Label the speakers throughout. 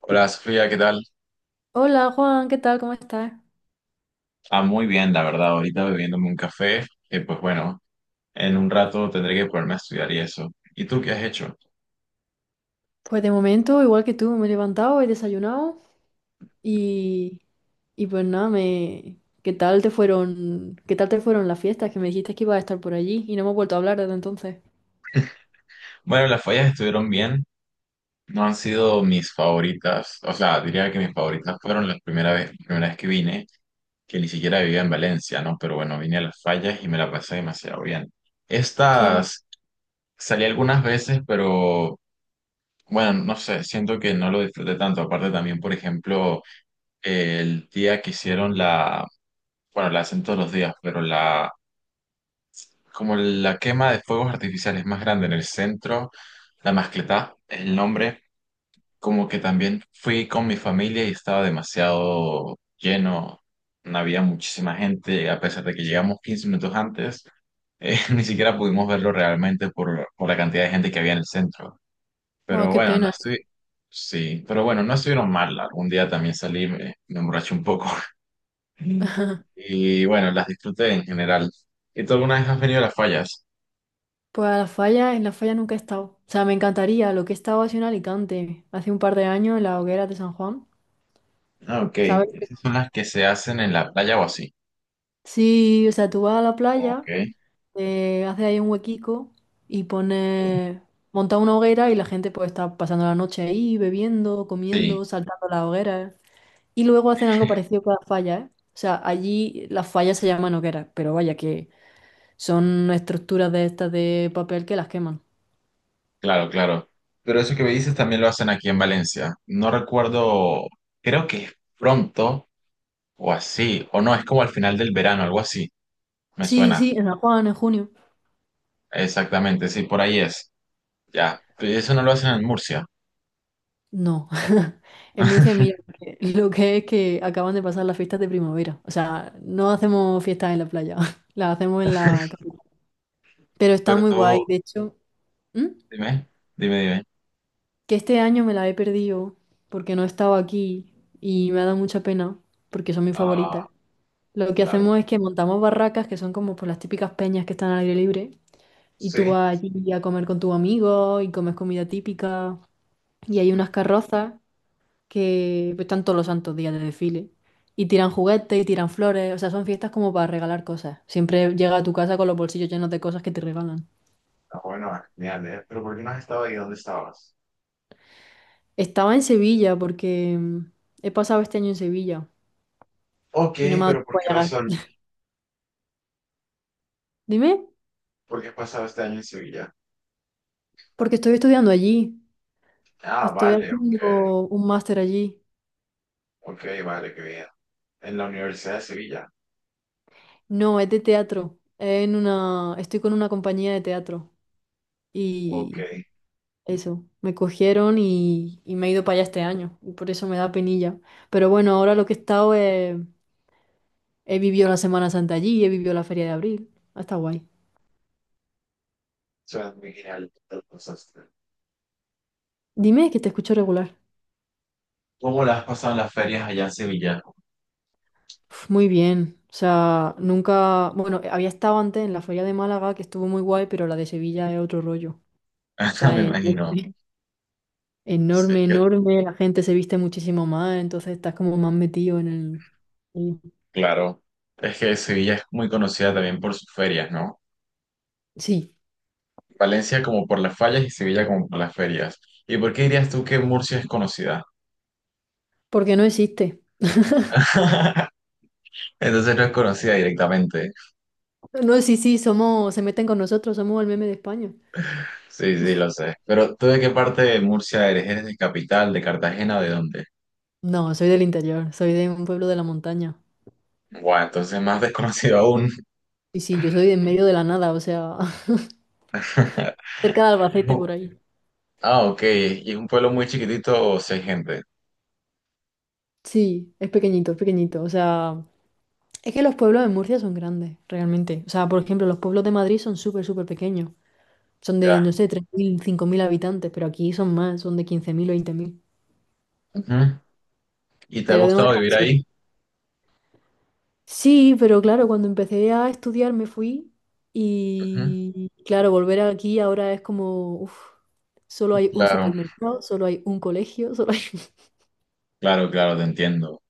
Speaker 1: Hola Sofía, ¿qué tal?
Speaker 2: Hola Juan, ¿qué tal? ¿Cómo estás?
Speaker 1: Ah, muy bien, la verdad, ahorita bebiéndome un café, que pues bueno, en un rato tendré que ponerme a estudiar y eso. ¿Y tú qué has hecho?
Speaker 2: Pues de momento, igual que tú, me he levantado, he desayunado y, y pues nada, me... ¿Qué tal te fueron las fiestas? Que me dijiste que ibas a estar por allí y no hemos vuelto a hablar desde entonces.
Speaker 1: Bueno, las fallas estuvieron bien, no han sido mis favoritas, o sea, diría que mis favoritas fueron la primera vez que vine, que ni siquiera vivía en Valencia, ¿no? Pero bueno, vine a las fallas y me la pasé demasiado bien.
Speaker 2: Sí.
Speaker 1: Estas salí algunas veces, pero bueno, no sé, siento que no lo disfruté tanto. Aparte también, por ejemplo, el día que hicieron la Bueno, la hacen todos los días, pero la, como la quema de fuegos artificiales más grande en el centro, la Mascletá es el nombre, como que también fui con mi familia y estaba demasiado lleno, no había muchísima gente, a pesar de que llegamos 15 minutos antes, ni siquiera pudimos verlo realmente por la cantidad de gente que había en el centro.
Speaker 2: Oh,
Speaker 1: Pero
Speaker 2: qué
Speaker 1: bueno, no
Speaker 2: pena.
Speaker 1: estoy, sí, pero bueno, no estuvieron mal, algún día también salí, me emborraché un poco. Mm. Y bueno, las disfruté en general. ¿Y tú alguna vez has venido a las fallas?
Speaker 2: Pues a la falla, en la falla nunca he estado. O sea, me encantaría, lo que he estado ha sido en Alicante, hace un par de años en las hogueras de San Juan.
Speaker 1: Ah, ok.
Speaker 2: ¿Sabes?
Speaker 1: Esas son las que se hacen en la playa o así.
Speaker 2: Sí, o sea, tú vas a la playa.
Speaker 1: Ok.
Speaker 2: Te hace ahí un huequico y pone, monta una hoguera y la gente pues está pasando la noche ahí, bebiendo,
Speaker 1: Sí,
Speaker 2: comiendo, saltando la hoguera. Y luego hacen algo parecido con las fallas, ¿eh? O sea, allí las fallas se llaman hogueras, pero vaya que son estructuras de estas de papel que las queman.
Speaker 1: claro, claro. Pero eso que me dices también lo hacen aquí en Valencia. No recuerdo, creo que es pronto o así, o no, es como al final del verano, algo así. Me
Speaker 2: Sí,
Speaker 1: suena.
Speaker 2: sí, en San Juan, en junio.
Speaker 1: Exactamente, sí, por ahí es. Ya. Pero eso no lo hacen en Murcia.
Speaker 2: No, en Murcia, mira, porque lo que es que acaban de pasar las fiestas de primavera. O sea, no hacemos fiestas en la playa, las hacemos en la capital. Pero está
Speaker 1: Pero
Speaker 2: muy
Speaker 1: tú,
Speaker 2: guay, de hecho. ¿Mm?
Speaker 1: dime, dime, dime.
Speaker 2: Que este año me la he perdido porque no estaba aquí y me ha dado mucha pena porque son mis
Speaker 1: Ah,
Speaker 2: favoritas. Lo que
Speaker 1: claro.
Speaker 2: hacemos es que montamos barracas que son como pues, las típicas peñas que están al aire libre y tú
Speaker 1: Sí.
Speaker 2: vas allí a comer con tus amigos y comes comida típica y hay unas carrozas que pues, están todos los santos días de desfile y tiran juguetes y tiran flores, o sea, son fiestas como para regalar cosas. Siempre llega a tu casa con los bolsillos llenos de cosas que te regalan.
Speaker 1: Ah, bueno, genial, ¿eh? Pero ¿por qué no has estado ahí? ¿Dónde estabas?
Speaker 2: Estaba en Sevilla porque he pasado este año en Sevilla
Speaker 1: Ok,
Speaker 2: y no me ha dado
Speaker 1: pero ¿por
Speaker 2: tiempo a
Speaker 1: qué
Speaker 2: llegar.
Speaker 1: razón?
Speaker 2: Dime,
Speaker 1: ¿Por qué has pasado este año en Sevilla?
Speaker 2: porque estoy estudiando allí.
Speaker 1: Ah,
Speaker 2: Estoy
Speaker 1: vale, ok.
Speaker 2: haciendo un máster allí.
Speaker 1: Ok, vale, qué bien. En la Universidad de Sevilla.
Speaker 2: No, es de teatro. En una, estoy con una compañía de teatro.
Speaker 1: Ok,
Speaker 2: Y eso, me cogieron y me he ido para allá este año. Y por eso me da penilla. Pero bueno, ahora lo que he estado he vivido la Semana Santa allí, he vivido la Feria de Abril. Ha estado guay.
Speaker 1: suena muy genial. ¿Qué tal pasaste?
Speaker 2: Dime que te escucho regular.
Speaker 1: ¿Cómo la has pasado en las ferias allá en Sevilla?
Speaker 2: Uf, muy bien. O sea, nunca. Bueno, había estado antes en la Feria de Málaga, que estuvo muy guay, pero la de Sevilla es otro rollo. O sea,
Speaker 1: Me
Speaker 2: es
Speaker 1: imagino.
Speaker 2: enorme.
Speaker 1: Es
Speaker 2: Enorme,
Speaker 1: que,
Speaker 2: enorme, la gente se viste muchísimo más, entonces estás como más metido en el... y-
Speaker 1: claro, es que Sevilla es muy conocida también por sus ferias, ¿no?
Speaker 2: Sí,
Speaker 1: Valencia como por las fallas y Sevilla como por las ferias. ¿Y por qué dirías tú que Murcia es conocida?
Speaker 2: porque no existe.
Speaker 1: Entonces no es conocida directamente.
Speaker 2: No, sí, sí, somos, se meten con nosotros, somos el meme de España.
Speaker 1: Sí, sí, lo sé. Pero ¿tú de qué parte de Murcia eres? ¿Eres de capital, de Cartagena, de dónde?
Speaker 2: No, soy del interior, soy de un pueblo de la montaña.
Speaker 1: Guau, entonces más desconocido aún.
Speaker 2: Y sí, yo soy de en medio de la nada, o sea, cerca de Albacete
Speaker 1: No.
Speaker 2: por ahí.
Speaker 1: Ah, ok. Y es un pueblo muy chiquitito, seis gente.
Speaker 2: Sí, es pequeñito, o sea, es que los pueblos de Murcia son grandes, realmente. O sea, por ejemplo, los pueblos de Madrid son súper, súper pequeños. Son de,
Speaker 1: Ya.
Speaker 2: no sé, 3000, 5000 habitantes, pero aquí son más, son de 15 000 o 20 000.
Speaker 1: Ujú. ¿Y te ha
Speaker 2: Pero de no
Speaker 1: gustado
Speaker 2: dejar
Speaker 1: vivir
Speaker 2: de ser.
Speaker 1: ahí?
Speaker 2: Sí, pero claro, cuando empecé a estudiar me fui
Speaker 1: Ujú.
Speaker 2: y claro, volver aquí ahora es como, uf, solo hay un
Speaker 1: Claro,
Speaker 2: supermercado, solo hay un colegio, solo hay...
Speaker 1: claro, claro, te entiendo.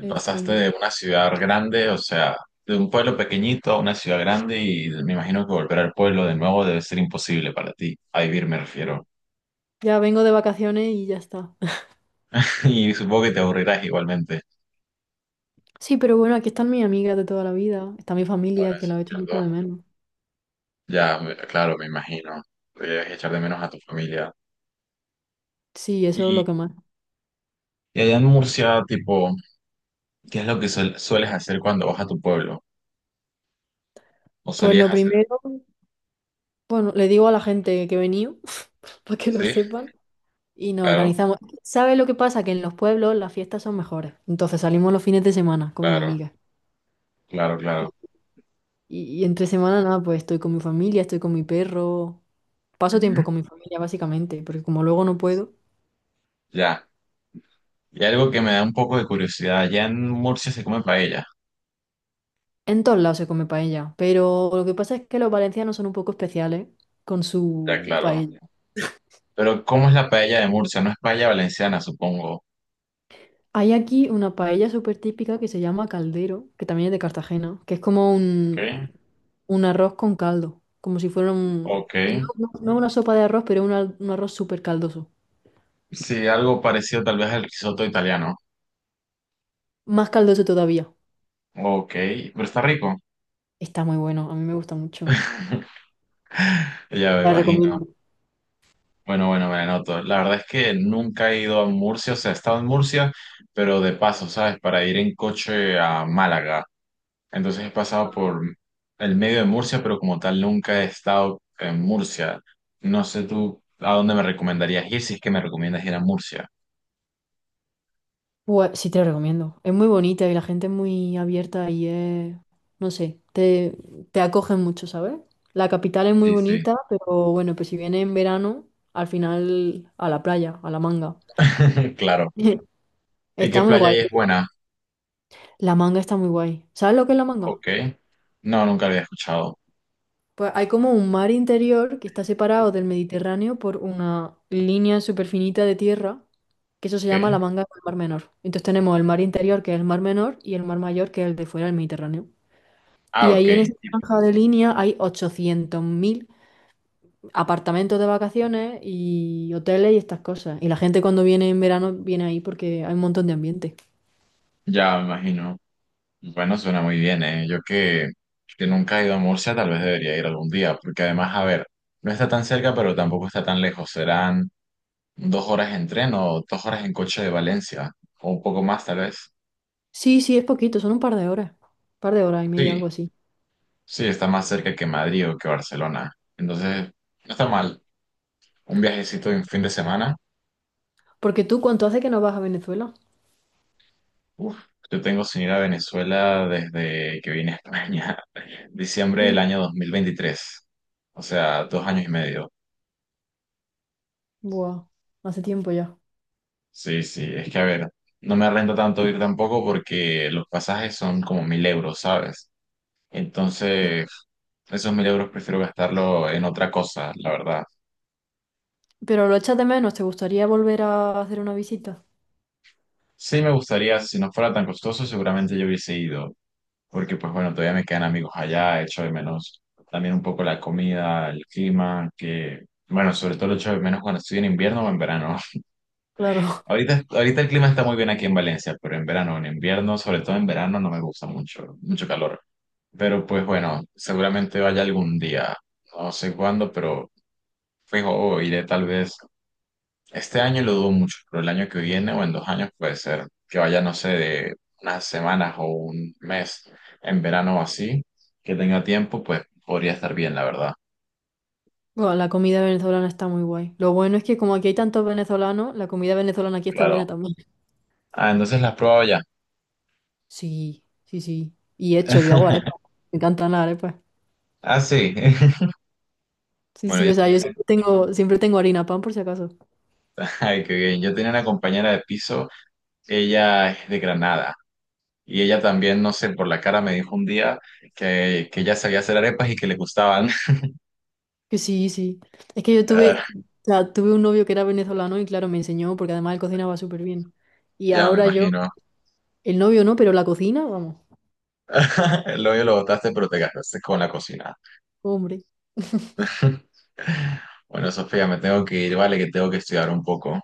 Speaker 2: Es
Speaker 1: Pasaste
Speaker 2: extraño.
Speaker 1: de una ciudad grande, o sea, de un pueblo pequeñito a una ciudad grande y me imagino que volver al pueblo de nuevo debe ser imposible para ti. A vivir me refiero.
Speaker 2: Ya vengo de vacaciones y ya está.
Speaker 1: Y supongo que te aburrirás igualmente.
Speaker 2: Sí, pero bueno, aquí están mis amigas de toda la vida, está mi
Speaker 1: Bueno,
Speaker 2: familia que
Speaker 1: eso
Speaker 2: la
Speaker 1: es
Speaker 2: he hecho mucho de
Speaker 1: cierto.
Speaker 2: menos.
Speaker 1: Ya, claro, me imagino. Debes echar de menos a tu familia.
Speaker 2: Sí, eso es lo que
Speaker 1: Y,
Speaker 2: más.
Speaker 1: y allá en Murcia, tipo, ¿qué es lo que sueles hacer cuando vas a tu pueblo? ¿O
Speaker 2: Pues
Speaker 1: solías
Speaker 2: lo
Speaker 1: hacer?
Speaker 2: primero, bueno, le digo a la gente que he venido para que lo
Speaker 1: Sí,
Speaker 2: sepan y nos
Speaker 1: claro,
Speaker 2: organizamos. ¿Sabes lo que pasa? Que en los pueblos las fiestas son mejores. Entonces salimos los fines de semana con mi
Speaker 1: claro,
Speaker 2: amiga.
Speaker 1: claro,
Speaker 2: Y,
Speaker 1: claro.
Speaker 2: y entre semana, nada, pues estoy con mi familia, estoy con mi perro. Paso tiempo
Speaker 1: Ujú.
Speaker 2: con mi familia, básicamente, porque como luego no puedo,
Speaker 1: Ya. Y algo que me da un poco de curiosidad, allá en Murcia se come paella.
Speaker 2: en todos lados se come paella. Pero lo que pasa es que los valencianos son un poco especiales con
Speaker 1: Ya,
Speaker 2: su
Speaker 1: claro.
Speaker 2: paella.
Speaker 1: Pero ¿cómo es la paella de Murcia? No es paella valenciana, supongo.
Speaker 2: Hay aquí una paella súper típica que se llama caldero, que también es de Cartagena, que es como
Speaker 1: Ok,
Speaker 2: un arroz con caldo, como si fuera un...
Speaker 1: ok.
Speaker 2: No una sopa de arroz, pero un, un arroz súper caldoso.
Speaker 1: Sí, algo parecido tal vez al risotto italiano.
Speaker 2: Más caldoso todavía.
Speaker 1: Ok, pero está rico.
Speaker 2: Está muy bueno, a mí me gusta mucho.
Speaker 1: Ya me
Speaker 2: Te la
Speaker 1: imagino.
Speaker 2: recomiendo.
Speaker 1: Bueno, bueno, me anoto. La verdad es que nunca he ido a Murcia, o sea, he estado en Murcia, pero de paso, ¿sabes? Para ir en coche a Málaga. Entonces he pasado por el medio de Murcia, pero como tal nunca he estado en Murcia. No sé tú a dónde me recomendarías ir, si es que me recomiendas ir a Murcia.
Speaker 2: Pues, sí, te la recomiendo. Es muy bonita y la gente es muy abierta y es... No sé, te acogen mucho, ¿sabes? La capital es muy
Speaker 1: Sí, sí.
Speaker 2: bonita, pero bueno, pues si viene en verano, al final a la playa, a la manga.
Speaker 1: Claro. ¿Y qué
Speaker 2: Está muy
Speaker 1: playa
Speaker 2: guay.
Speaker 1: ahí es buena?
Speaker 2: La manga está muy guay. ¿Sabes lo que es la manga?
Speaker 1: Ok. No, nunca la había escuchado.
Speaker 2: Pues hay como un mar interior que está separado del Mediterráneo por una línea súper finita de tierra, que eso se llama la
Speaker 1: Ok.
Speaker 2: manga del Mar Menor. Entonces tenemos el mar interior, que es el Mar Menor, y el mar mayor, que es el de fuera del Mediterráneo.
Speaker 1: Ah,
Speaker 2: Y
Speaker 1: ok.
Speaker 2: ahí en esa franja de línea hay 800 000 apartamentos de vacaciones y hoteles y estas cosas. Y la gente cuando viene en verano viene ahí porque hay un montón de ambiente.
Speaker 1: Ya me imagino. Bueno, suena muy bien, ¿eh? Yo que nunca he ido a Murcia, tal vez debería ir algún día, porque además, a ver, no está tan cerca, pero tampoco está tan lejos. Serán 2 horas en tren o 2 horas en coche de Valencia, o un poco más, tal vez.
Speaker 2: Sí, sí, es poquito, son un par de horas. Un par de horas y media,
Speaker 1: Sí,
Speaker 2: algo así.
Speaker 1: sí, está más cerca que Madrid o que Barcelona. Entonces, no está mal. Un viajecito en fin de semana.
Speaker 2: Porque tú, ¿cuánto hace que no vas a Venezuela?
Speaker 1: Uf, yo tengo sin ir a Venezuela desde que vine a España, diciembre del
Speaker 2: Sí.
Speaker 1: año 2023. O sea, 2 años y medio.
Speaker 2: Buah, hace tiempo ya.
Speaker 1: Sí, sí, es que a ver, no me renta tanto ir tampoco porque los pasajes son como 1.000 euros, ¿sabes?
Speaker 2: Y-
Speaker 1: Entonces, esos 1.000 euros prefiero gastarlo en otra cosa, la verdad.
Speaker 2: Pero lo echas de menos, ¿te gustaría volver a hacer una visita?
Speaker 1: Sí me gustaría, si no fuera tan costoso, seguramente yo hubiese ido, porque pues bueno, todavía me quedan amigos allá, echo de menos también un poco la comida, el clima, que bueno, sobre todo lo echo de menos cuando estoy en invierno o en verano.
Speaker 2: Claro,
Speaker 1: Ahorita, ahorita el clima está muy bien aquí en Valencia, pero en verano, en invierno, sobre todo en verano, no me gusta mucho, mucho calor. Pero pues bueno, seguramente vaya algún día, no sé cuándo, pero fijo, o iré tal vez. Este año lo dudo mucho, pero el año que viene o en 2 años puede ser que vaya, no sé, de unas semanas o un mes en verano o así, que tenga tiempo, pues podría estar bien, la verdad.
Speaker 2: buah, la comida venezolana está muy guay. Lo bueno es que como aquí hay tantos venezolanos, la comida venezolana aquí está buena
Speaker 1: Claro.
Speaker 2: también.
Speaker 1: Ah, entonces las pruebo ya.
Speaker 2: Sí, sí, sí. Y hecho, yo hago arepas. Me encantan las arepas.
Speaker 1: Ah, sí.
Speaker 2: Sí,
Speaker 1: Bueno,
Speaker 2: sí,
Speaker 1: yo
Speaker 2: o sea,
Speaker 1: tenía
Speaker 2: siempre tengo harina pan por si acaso.
Speaker 1: Ay, qué bien. Yo tenía una compañera de piso, ella es de Granada y ella también, no sé, por la cara me dijo un día que ella sabía hacer arepas y que le gustaban.
Speaker 2: Que sí, sí. Es que yo tuve,
Speaker 1: Ah,
Speaker 2: o sea, tuve un novio que era venezolano y claro, me enseñó porque además él cocinaba súper bien. Y
Speaker 1: ya me
Speaker 2: ahora yo
Speaker 1: imagino.
Speaker 2: el novio no, pero la cocina, vamos.
Speaker 1: El hoyo lo botaste, pero te gastaste con la cocina.
Speaker 2: Hombre.
Speaker 1: Bueno, Sofía, me tengo que ir, vale, que tengo que estudiar un poco.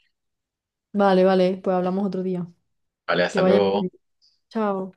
Speaker 2: Vale, vale, pues hablamos otro día.
Speaker 1: Vale,
Speaker 2: Que
Speaker 1: hasta
Speaker 2: vaya.
Speaker 1: luego.
Speaker 2: Bien. Chao.